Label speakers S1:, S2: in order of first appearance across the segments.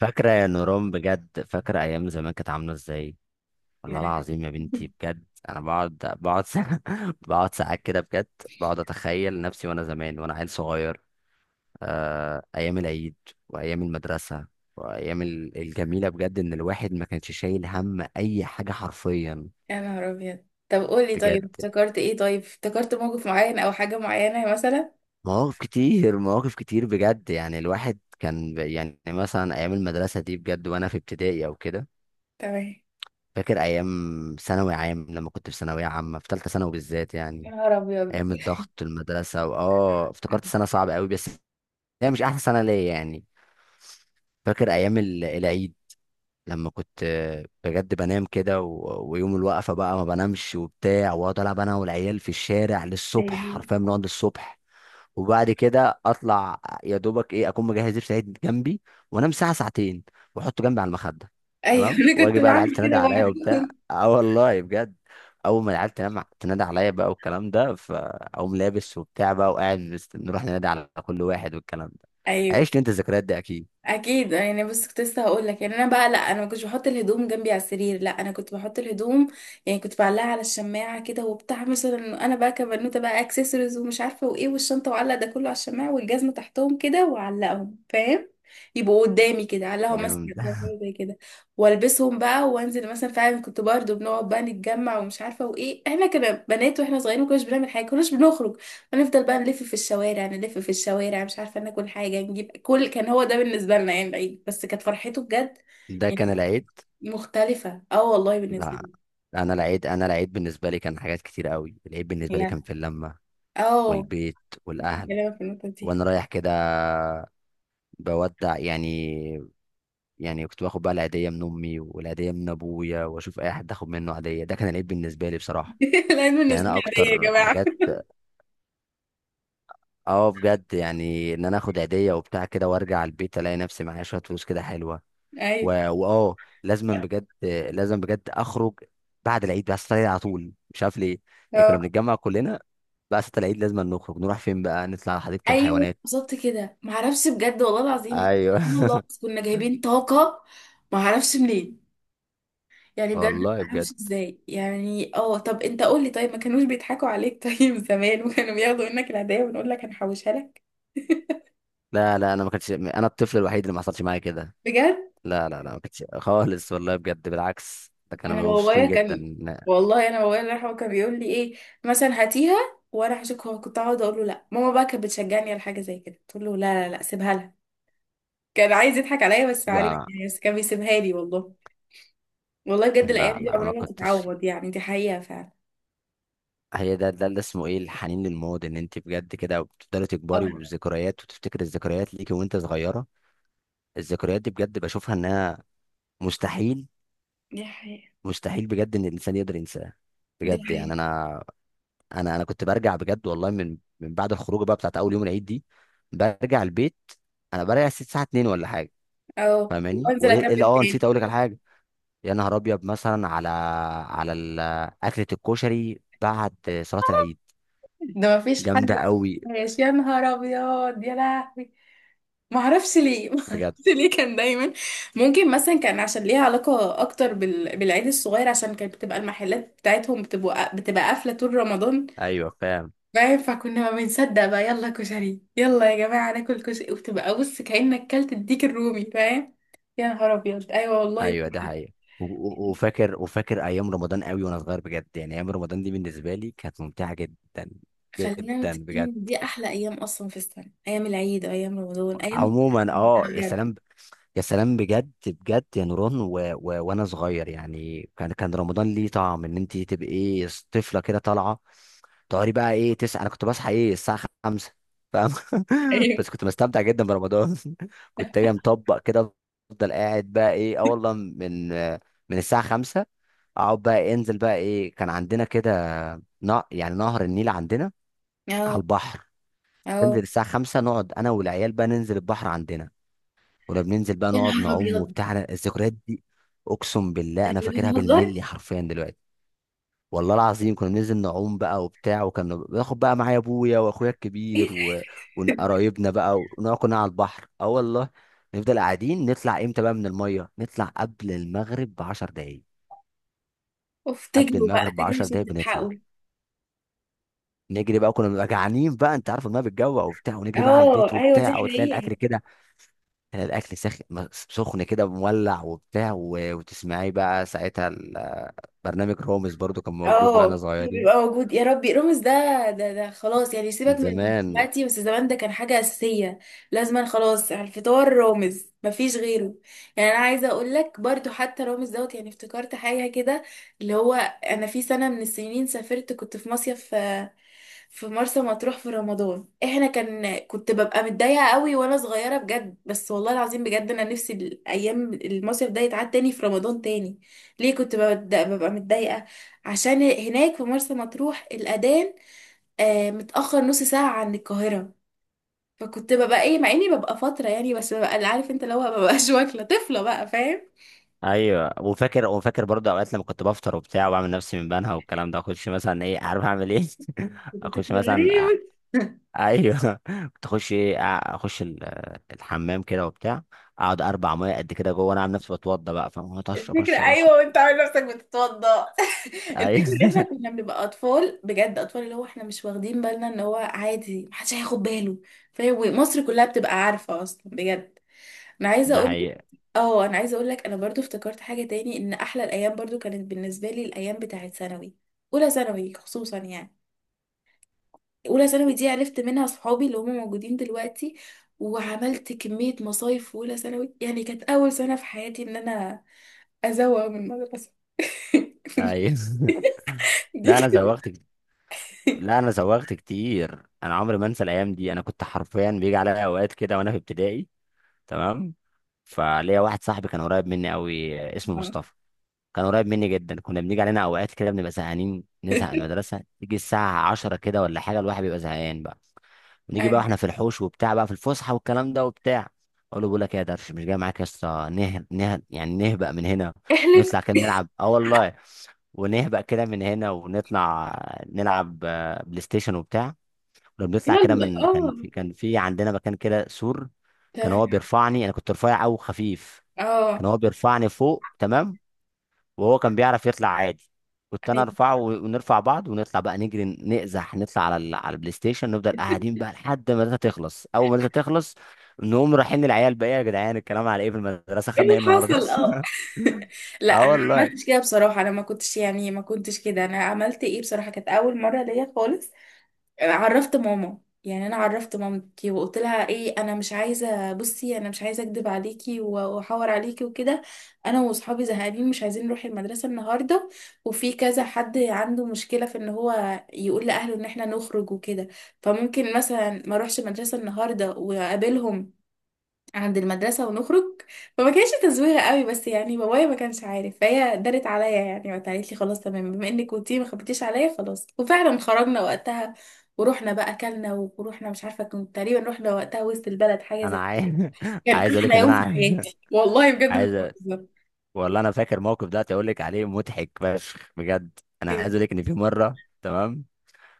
S1: فاكرة يا نوران بجد فاكرة أيام زمان كانت عاملة إزاي؟ والله
S2: يعني
S1: العظيم يا بنتي بجد أنا بقعد ساعة بقعد ساعات كده بجد. بقعد أتخيل نفسي وأنا زمان وأنا عيل صغير. آه، أيام العيد وأيام المدرسة وأيام الجميلة بجد، إن الواحد ما كانش شايل هم أي حاجة حرفيا.
S2: يا نهار ابيض، طب قولي،
S1: بجد
S2: طيب افتكرت موقف معين او حاجة معينة مثلا.
S1: مواقف كتير مواقف كتير بجد، يعني الواحد كان يعني مثلا أيام المدرسة دي بجد وأنا في ابتدائي أو كده.
S2: تمام.
S1: فاكر ايام ثانوي عام، لما كنت في ثانويه عامه في ثالثه ثانوي بالذات
S2: يا
S1: يعني،
S2: نهار ابيض.
S1: ايام الضغط المدرسه واه افتكرت سنه صعبه قوي، بس هي مش احسن سنه ليا يعني. فاكر ايام العيد، لما كنت بجد بنام كده و- ويوم الوقفه بقى ما بنامش وبتاع، واقعد العب انا والعيال في الشارع للصبح،
S2: ايوه،
S1: حرفيا بنقعد للصبح. وبعد كده اطلع يا دوبك ايه، اكون مجهز لبس العيد جنبي وانام ساعه ساعتين واحطه جنبي على المخده.
S2: ايوه،
S1: تمام،
S2: انا كنت
S1: واجي بقى العيال
S2: بعمل كده
S1: تنادى عليا
S2: برضه.
S1: وبتاع، اه والله بجد. اول ما العيال تنام تنادى عليا بقى والكلام ده، فاقوم لابس وبتاع بقى وقاعد نروح ننادي على كل واحد والكلام ده.
S2: ايوه
S1: عشت انت الذكريات دي اكيد.
S2: اكيد، بس كنت لسه هقول لك، انا بقى لا، انا ما كنتش بحط الهدوم جنبي على السرير، لا انا كنت بحط الهدوم. كنت بعلقها على الشماعه كده وبتاع، مثلا انا بقى كبنوته بقى اكسسوارز ومش عارفه وايه والشنطه، وعلق ده كله على الشماعه والجزمه تحتهم كده واعلقهم، فاهم؟ يبقوا قدامي كده، اعلقهم مثلا
S1: جامد
S2: على حاجة زي كده، والبسهم بقى وانزل. مثلا فعلا كنت برضو بنقعد بقى نتجمع ومش عارفه وايه، احنا كنا بنات واحنا صغيرين ما كناش بنعمل حاجه، كناش بنخرج. هنفضل بقى نلف في الشوارع، نلف في الشوارع، مش عارفه ناكل حاجه نجيب كل، كان هو ده بالنسبه لنا، العيد بس كانت فرحته بجد.
S1: ده كان
S2: يعني
S1: العيد.
S2: مختلفه اه والله بالنسبه
S1: لا،
S2: لي.
S1: انا العيد بالنسبه لي كان حاجات كتير قوي. العيد بالنسبه لي كان
S2: يعني
S1: في اللمه
S2: اه
S1: والبيت والاهل،
S2: كلامك في النقطه دي.
S1: وانا رايح كده بودع يعني. يعني كنت باخد بقى العيدية من أمي والعيدية من أبويا، وأشوف أي حد آخد منه عيدية. ده كان العيد بالنسبة لي بصراحة.
S2: العيد
S1: يعني
S2: بالنسبه
S1: أنا
S2: لي عاديه يا
S1: أكتر
S2: جماعه.
S1: حاجات، بجد، يعني إن أنا آخد عيدية وبتاع كده وأرجع البيت ألاقي نفسي معايا شوية فلوس كده حلوة. و...
S2: ايوه.
S1: وأه لازما بجد، لازم بجد أخرج بعد العيد بقى، العيد على طول مش عارف ليه. يعني كنا
S2: اه.
S1: بنتجمع كلنا بقى، ستة العيد لازم نخرج، نروح فين بقى؟ نطلع على حديقة
S2: ايوه
S1: الحيوانات.
S2: بالظبط كده، ما اعرفش بجد والله العظيم،
S1: ايوه
S2: سبحان الله، بس كنا جايبين طاقه، ما اعرفش منين. بجد
S1: والله
S2: ما
S1: بجد.
S2: اعرفش ازاي. طب انت قول لي، طيب ما كانوش بيضحكوا عليك؟ طيب زمان وكانوا بياخدوا منك العيدية ونقول لك هنحوشها لك؟
S1: لا لا، انا ما كنتش انا الطفل الوحيد اللي ما حصلش معايا كده.
S2: بجد؟
S1: لا لا لا، ما كانتش خالص، والله بجد، بالعكس، ده كانوا
S2: انا
S1: بيبقوا
S2: بابايا
S1: مبسوطين جدا.
S2: كان،
S1: لا
S2: والله انا بابايا الله يرحمه كان بيقول لي ايه، مثلا هاتيها وانا هشك، هو كنت اقعد اقول له لا، ماما بقى كانت بتشجعني على حاجه زي كده، تقول له لا لا لا سيبها لها. كان عايز يضحك عليا بس عارف،
S1: لا
S2: بس كان بيسيبها لي والله. والله بجد
S1: لا
S2: الايام دي
S1: لا،
S2: عمرها
S1: ما
S2: ما
S1: كنتش.
S2: تتعوض، دي حقيقه فعلا.
S1: هي ده اللي اسمه ايه، الحنين للماضي، ان انت بجد كده بتفضلي تكبري
S2: اه.
S1: وبالذكريات، وتفتكري الذكريات ليكي وانت صغيره. الذكريات دي بجد بشوفها انها مستحيل،
S2: دي حقيقه.
S1: مستحيل بجد ان الانسان يقدر ينساها.
S2: دي
S1: بجد
S2: حقيقه.
S1: يعني انا كنت برجع بجد والله، من بعد الخروجه بقى بتاعت اول يوم العيد دي برجع البيت. انا برجع الساعه 2 ولا حاجه،
S2: اه
S1: فاهماني
S2: وانزل
S1: وايه؟ إيه اللي
S2: اكمل
S1: نسيت
S2: تاني.
S1: اقول لك على حاجه. يا نهار ابيض، مثلا على على ال- اكله الكشري بعد صلاه العيد.
S2: ده ما فيش حد.
S1: جامده قوي
S2: ماشي. يا نهار ابيض يا لهوي. ما اعرفش ليه، ما
S1: بجد.
S2: اعرفش ليه كان دايما. ممكن مثلا كان عشان ليها علاقه اكتر بالعيد الصغير، عشان كانت بتبقى المحلات بتاعتهم بتبقى قافله طول رمضان،
S1: ايوه فاهم.
S2: فاهم؟ فكنا ما بنصدق بقى، يلا كشري، يلا يا جماعه ناكل كشري، وبتبقى بص كانك كلت الديك الرومي، فاهم؟ يا نهار ابيض ايوه والله.
S1: ايوه ده حقيقي. وفاكر ايام رمضان قوي، وانا صغير بجد، يعني ايام رمضان دي بالنسبه لي كانت ممتعه جدا.
S2: خلينا
S1: جدا
S2: متفقين
S1: بجد،
S2: ان دي احلى ايام اصلا في السنه، ايام العيد وايام رمضان، ايام
S1: عموما، يا
S2: بجد.
S1: سلام، يا سلام بجد بجد يا نوران. و... و... وانا صغير يعني، كان رمضان ليه طعم، ان انت تبقي ايه، طفله كده طالعه، تقعدي بقى ايه، تسعة. انا كنت بصحى ايه الساعة خمسة، فاهم؟
S2: ايوه.
S1: بس كنت بستمتع جدا برمضان كنت اجي مطبق كده، افضل قاعد بقى ايه، والله، من الساعة خمسة، اقعد بقى انزل بقى ايه، كان عندنا كده يعني نهر النيل عندنا، على
S2: اه.
S1: البحر. تنزل
S2: اه
S1: الساعة خمسة، نقعد انا والعيال بقى، ننزل البحر عندنا. كنا بننزل بقى
S2: يا
S1: نقعد
S2: نهار
S1: نعوم
S2: ابيض ده،
S1: وبتاع. أنا الذكريات دي اقسم بالله انا
S2: إحنا
S1: فاكرها
S2: بنهزر.
S1: بالملي حرفيا دلوقتي. والله العظيم كنا بننزل نعوم بقى وبتاع، وكنا باخد بقى معايا ابويا واخويا
S2: ايه
S1: الكبير
S2: ده؟
S1: و- وقرايبنا بقى، ونقعد كنا على البحر، اه والله. نفضل قاعدين، نطلع امتى بقى من الميه؟ نطلع قبل المغرب ب 10 دقايق،
S2: اوف،
S1: قبل
S2: تجروا بقى
S1: المغرب ب
S2: تجروا
S1: 10
S2: عشان
S1: دقايق
S2: تلحقوا.
S1: بنطلع. نجري بقى، كنا بنبقى جعانين بقى، انت عارف الميه بتجوع وبتاع، ونجري بقى على البيت
S2: اه ايوه دي
S1: وبتاع، وتلاقي
S2: حقيقة.
S1: الاكل كده، تلاقي الاكل سخن كده مولع وبتاع، و... وتسمعي بقى ساعتها برنامج رامز، برضو كان موجود واحنا
S2: اه بيبقى
S1: صغيرين
S2: موجود يا ربي رامز ده. ده خلاص،
S1: من
S2: سيبك من
S1: زمان.
S2: دلوقتي، بس زمان ده كان حاجة أساسية، لازما خلاص على الفطار رامز مفيش غيره. أنا عايزة أقول لك برضو حتى رامز دوت، افتكرت حاجة كده، اللي هو أنا في سنة من السنين سافرت، كنت في مصيف في مرسى مطروح في رمضان، احنا كان كنت ببقى متضايقه قوي وانا صغيره بجد، بس والله العظيم بجد انا نفسي الايام المصيف ده يتعاد تاني في رمضان تاني. ليه كنت ببقى متضايقه؟ عشان هناك في مرسى مطروح الاذان متاخر نص ساعه عن القاهره. فكنت ببقى ايه، مع اني ببقى فتره، بس ببقى عارف انت اللي هو مببقاش واكله طفله بقى، فاهم؟
S1: ايوه، وفاكر برضه اوقات لما كنت بفطر وبتاع، وبعمل نفسي من بنها والكلام ده، اخش مثلا ايه، عارف اعمل ايه؟
S2: كنت طفل
S1: اخش مثلا
S2: غريب.
S1: ايوه كنت اخش ايه، اخش الحمام كده وبتاع، اقعد اربع ميه قد كده جوه وانا عامل نفسي بتوضى بقى فاهم؟ أقعد اشرب
S2: الفكرة
S1: اشرب
S2: أيوة
S1: اشرب.
S2: وأنت عامل نفسك بتتوضأ.
S1: ايوه
S2: الفكرة إن إحنا كنا بنبقى أطفال بجد، أطفال اللي هو إحنا مش واخدين بالنا إن هو عادي محدش هياخد باله، فاهم؟ ومصر كلها بتبقى عارفة أصلا بجد. أنا عايزة
S1: ده
S2: أقول لك،
S1: حقيقة.
S2: أه أنا عايزة أقول لك، أنا برضو افتكرت حاجة تاني، إن أحلى الأيام برضو كانت بالنسبة لي الأيام بتاعة ثانوي، أولى ثانوي خصوصا، أولى ثانوي دي عرفت منها صحابي اللي هم موجودين دلوقتي، وعملت كمية مصايف في أولى ثانوي، كانت أول سنة في حياتي إن أنا أزوغ من المدرسة.
S1: ايوه
S2: دي
S1: لا، انا
S2: كده.
S1: زوغت كتير، انا عمري ما انسى الايام دي. انا كنت حرفيا بيجي عليا اوقات كده وانا في ابتدائي. تمام، فليا واحد صاحبي كان قريب مني قوي، اسمه
S2: آه.
S1: مصطفى. كان قريب مني جدا، كنا بنيجي علينا اوقات كده بنبقى زهقانين، نزهق من المدرسه، تيجي الساعه 10 كده ولا حاجه، الواحد بيبقى زهقان بقى، ونيجي بقى
S2: أيوة.
S1: واحنا في الحوش وبتاع بقى في الفسحه والكلام ده وبتاع. اقول له، بقول لك ايه يا درش، مش جاي معاك يا اسطى يعني نهبق من هنا،
S2: احلف.
S1: ونطلع كده نلعب، اه والله. ونهبق كده من هنا ونطلع نلعب بلاي ستيشن وبتاع. ولما بنطلع كده
S2: يلا
S1: من، كان
S2: اه.
S1: في كان في عندنا مكان كده سور، كان هو
S2: تمام.
S1: بيرفعني، انا كنت رفيع او خفيف، كان
S2: اه.
S1: هو بيرفعني فوق، تمام، وهو كان بيعرف يطلع عادي. كنت انا
S2: ايوه.
S1: ارفعه و- ونرفع بعض، ونطلع بقى نجري نقزح، نطلع على على البلاي ستيشن، نفضل قاعدين بقى لحد ما الداتا تخلص. اول ما الداتا تخلص نقوم رايحين للعيال بقى: "إيه يا جدعان، الكلام على ايه في المدرسه،
S2: ايه
S1: خدنا
S2: اللي
S1: ايه النهارده؟"
S2: حصل؟ اه. لا
S1: اه
S2: انا ما
S1: والله.
S2: عملتش كده بصراحه، انا ما كنتش ما كنتش كده، انا عملت ايه بصراحه، كانت اول مره ليا خالص، عرفت ماما، انا عرفت مامتي وقلت لها ايه، انا مش عايزه، بصي انا مش عايزه اكدب عليكي و- واحور عليكي وكده. انا واصحابي زهقانين، مش عايزين نروح المدرسه النهارده، وفي كذا حد عنده مشكله في ان هو يقول لاهله ان احنا نخرج وكده، فممكن مثلا ما اروحش المدرسه النهارده واقابلهم عند المدرسة ونخرج. فما كانش تزويغة قوي، بس بابايا ما كانش عارف، فهي دارت عليا، وقتها قالت لي خلاص تمام، بما انك كنتي ما خبيتيش عليا خلاص، وفعلا خرجنا وقتها ورحنا بقى اكلنا، ورحنا مش عارفة كنت تقريبا، رحنا وقتها وسط البلد حاجة
S1: انا
S2: زي.
S1: عايز
S2: كان
S1: عايز اقول لك
S2: احلى
S1: ان
S2: يوم
S1: انا
S2: في
S1: عايز
S2: حياتي والله بجد مش
S1: عايز أ-
S2: بهزر.
S1: والله انا فاكر موقف ده اقول لك عليه مضحك فشخ بجد. انا عايز
S2: إيه؟
S1: اقول لك ان في مره، تمام؟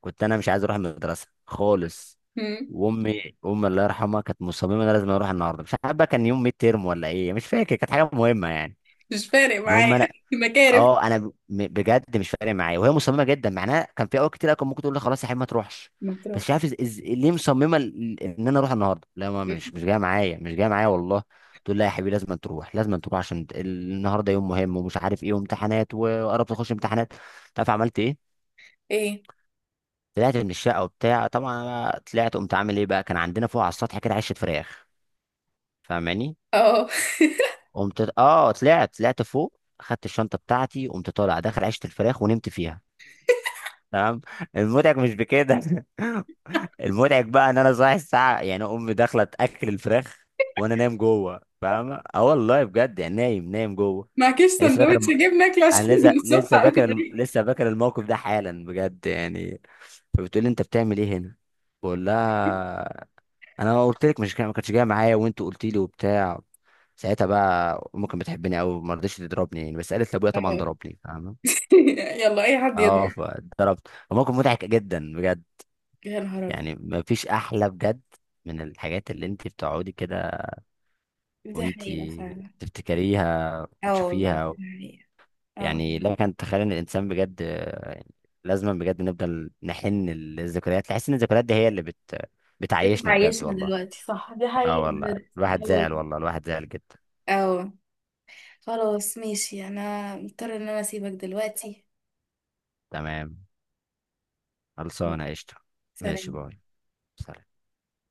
S1: كنت انا مش عايز اروح المدرسه خالص،
S2: مم.
S1: وامي، الله يرحمها، كانت مصممه ان انا لازم اروح النهارده. مش عارف بقى كان يوم ميد تيرم ولا ايه، مش فاكر، كانت حاجه مهمه يعني.
S2: مش فارق
S1: المهم
S2: معايا.
S1: انا،
S2: مكارف
S1: بجد مش فارق معايا، وهي مصممه جدا، معناها كان في اوقات كتير أوي كان ممكن تقول لي خلاص يا حبيبي ما تروحش، بس
S2: مطروح.
S1: مش عارف ليه مصممه ان انا اروح النهارده. لا، ما
S2: مم.
S1: مش جايه معايا، مش جايه معايا والله. تقول لي لا يا حبيبي، لازم تروح، لازم تروح، عشان النهارده يوم مهم، ومش عارف ايه، وامتحانات، وقربت تخش امتحانات. تعرف عملت ايه؟
S2: ايه.
S1: طلعت من الشقه وبتاع، طبعا انا طلعت قمت عامل ايه بقى، كان عندنا فوق على السطح كده عشه فراخ، فاهماني؟
S2: اه.
S1: قمت طلعت فوق، خدت الشنطه بتاعتي، قمت طالع داخل عشه الفراخ ونمت فيها، تمام. المضحك مش بكده المضحك بقى ان انا صاحي الساعه، يعني امي داخله تاكل الفراخ وانا نايم جوه، فاهمه؟ اه والله بجد، يعني نايم نايم جوه.
S2: معكيش
S1: يعني لسه فاكر
S2: سندوتش جبنة اكل
S1: انا
S2: عشان
S1: لسه
S2: الصبح
S1: فاكر
S2: أوي.
S1: لسه فاكر الموقف ده حالا بجد يعني. فبتقول لي انت بتعمل ايه هنا؟ بقول لها انا قلت لك مش ما كانتش جايه معايا، وانت قلت لي وبتاع. ساعتها بقى امي كانت بتحبني قوي، ما رضتش تضربني يعني، بس قالت لابويا طبعا
S2: آه.
S1: ضربني، فاهمه؟
S2: يلا اي حد يضرب.
S1: اه، فضربت، وموقف مضحك جدا بجد.
S2: يا نهار ابيض.
S1: يعني ما فيش احلى بجد من الحاجات اللي انت بتقعدي كده
S2: دي
S1: وانت
S2: حقيقة فعلا.
S1: تفتكريها
S2: اه والله دي
S1: وتشوفيها.
S2: حقيقة. اه
S1: يعني
S2: والله.
S1: لا، كان تخيل ان الانسان بجد يعني، لازم بجد نفضل نحن للذكريات، تحس ان الذكريات دي هي اللي
S2: انت
S1: بتعيشنا بجد
S2: عايشنا
S1: والله.
S2: دلوقتي صح، دي
S1: اه
S2: حقيقة
S1: والله،
S2: بجد. اه
S1: الواحد زعل،
S2: والله.
S1: والله الواحد زعل جدا.
S2: اه. خلاص ماشي، انا مضطرة ان انا اسيبك دلوقتي.
S1: تمام، خلصانة، قشطة. ماشي،
S2: سلام.
S1: باي. سلام.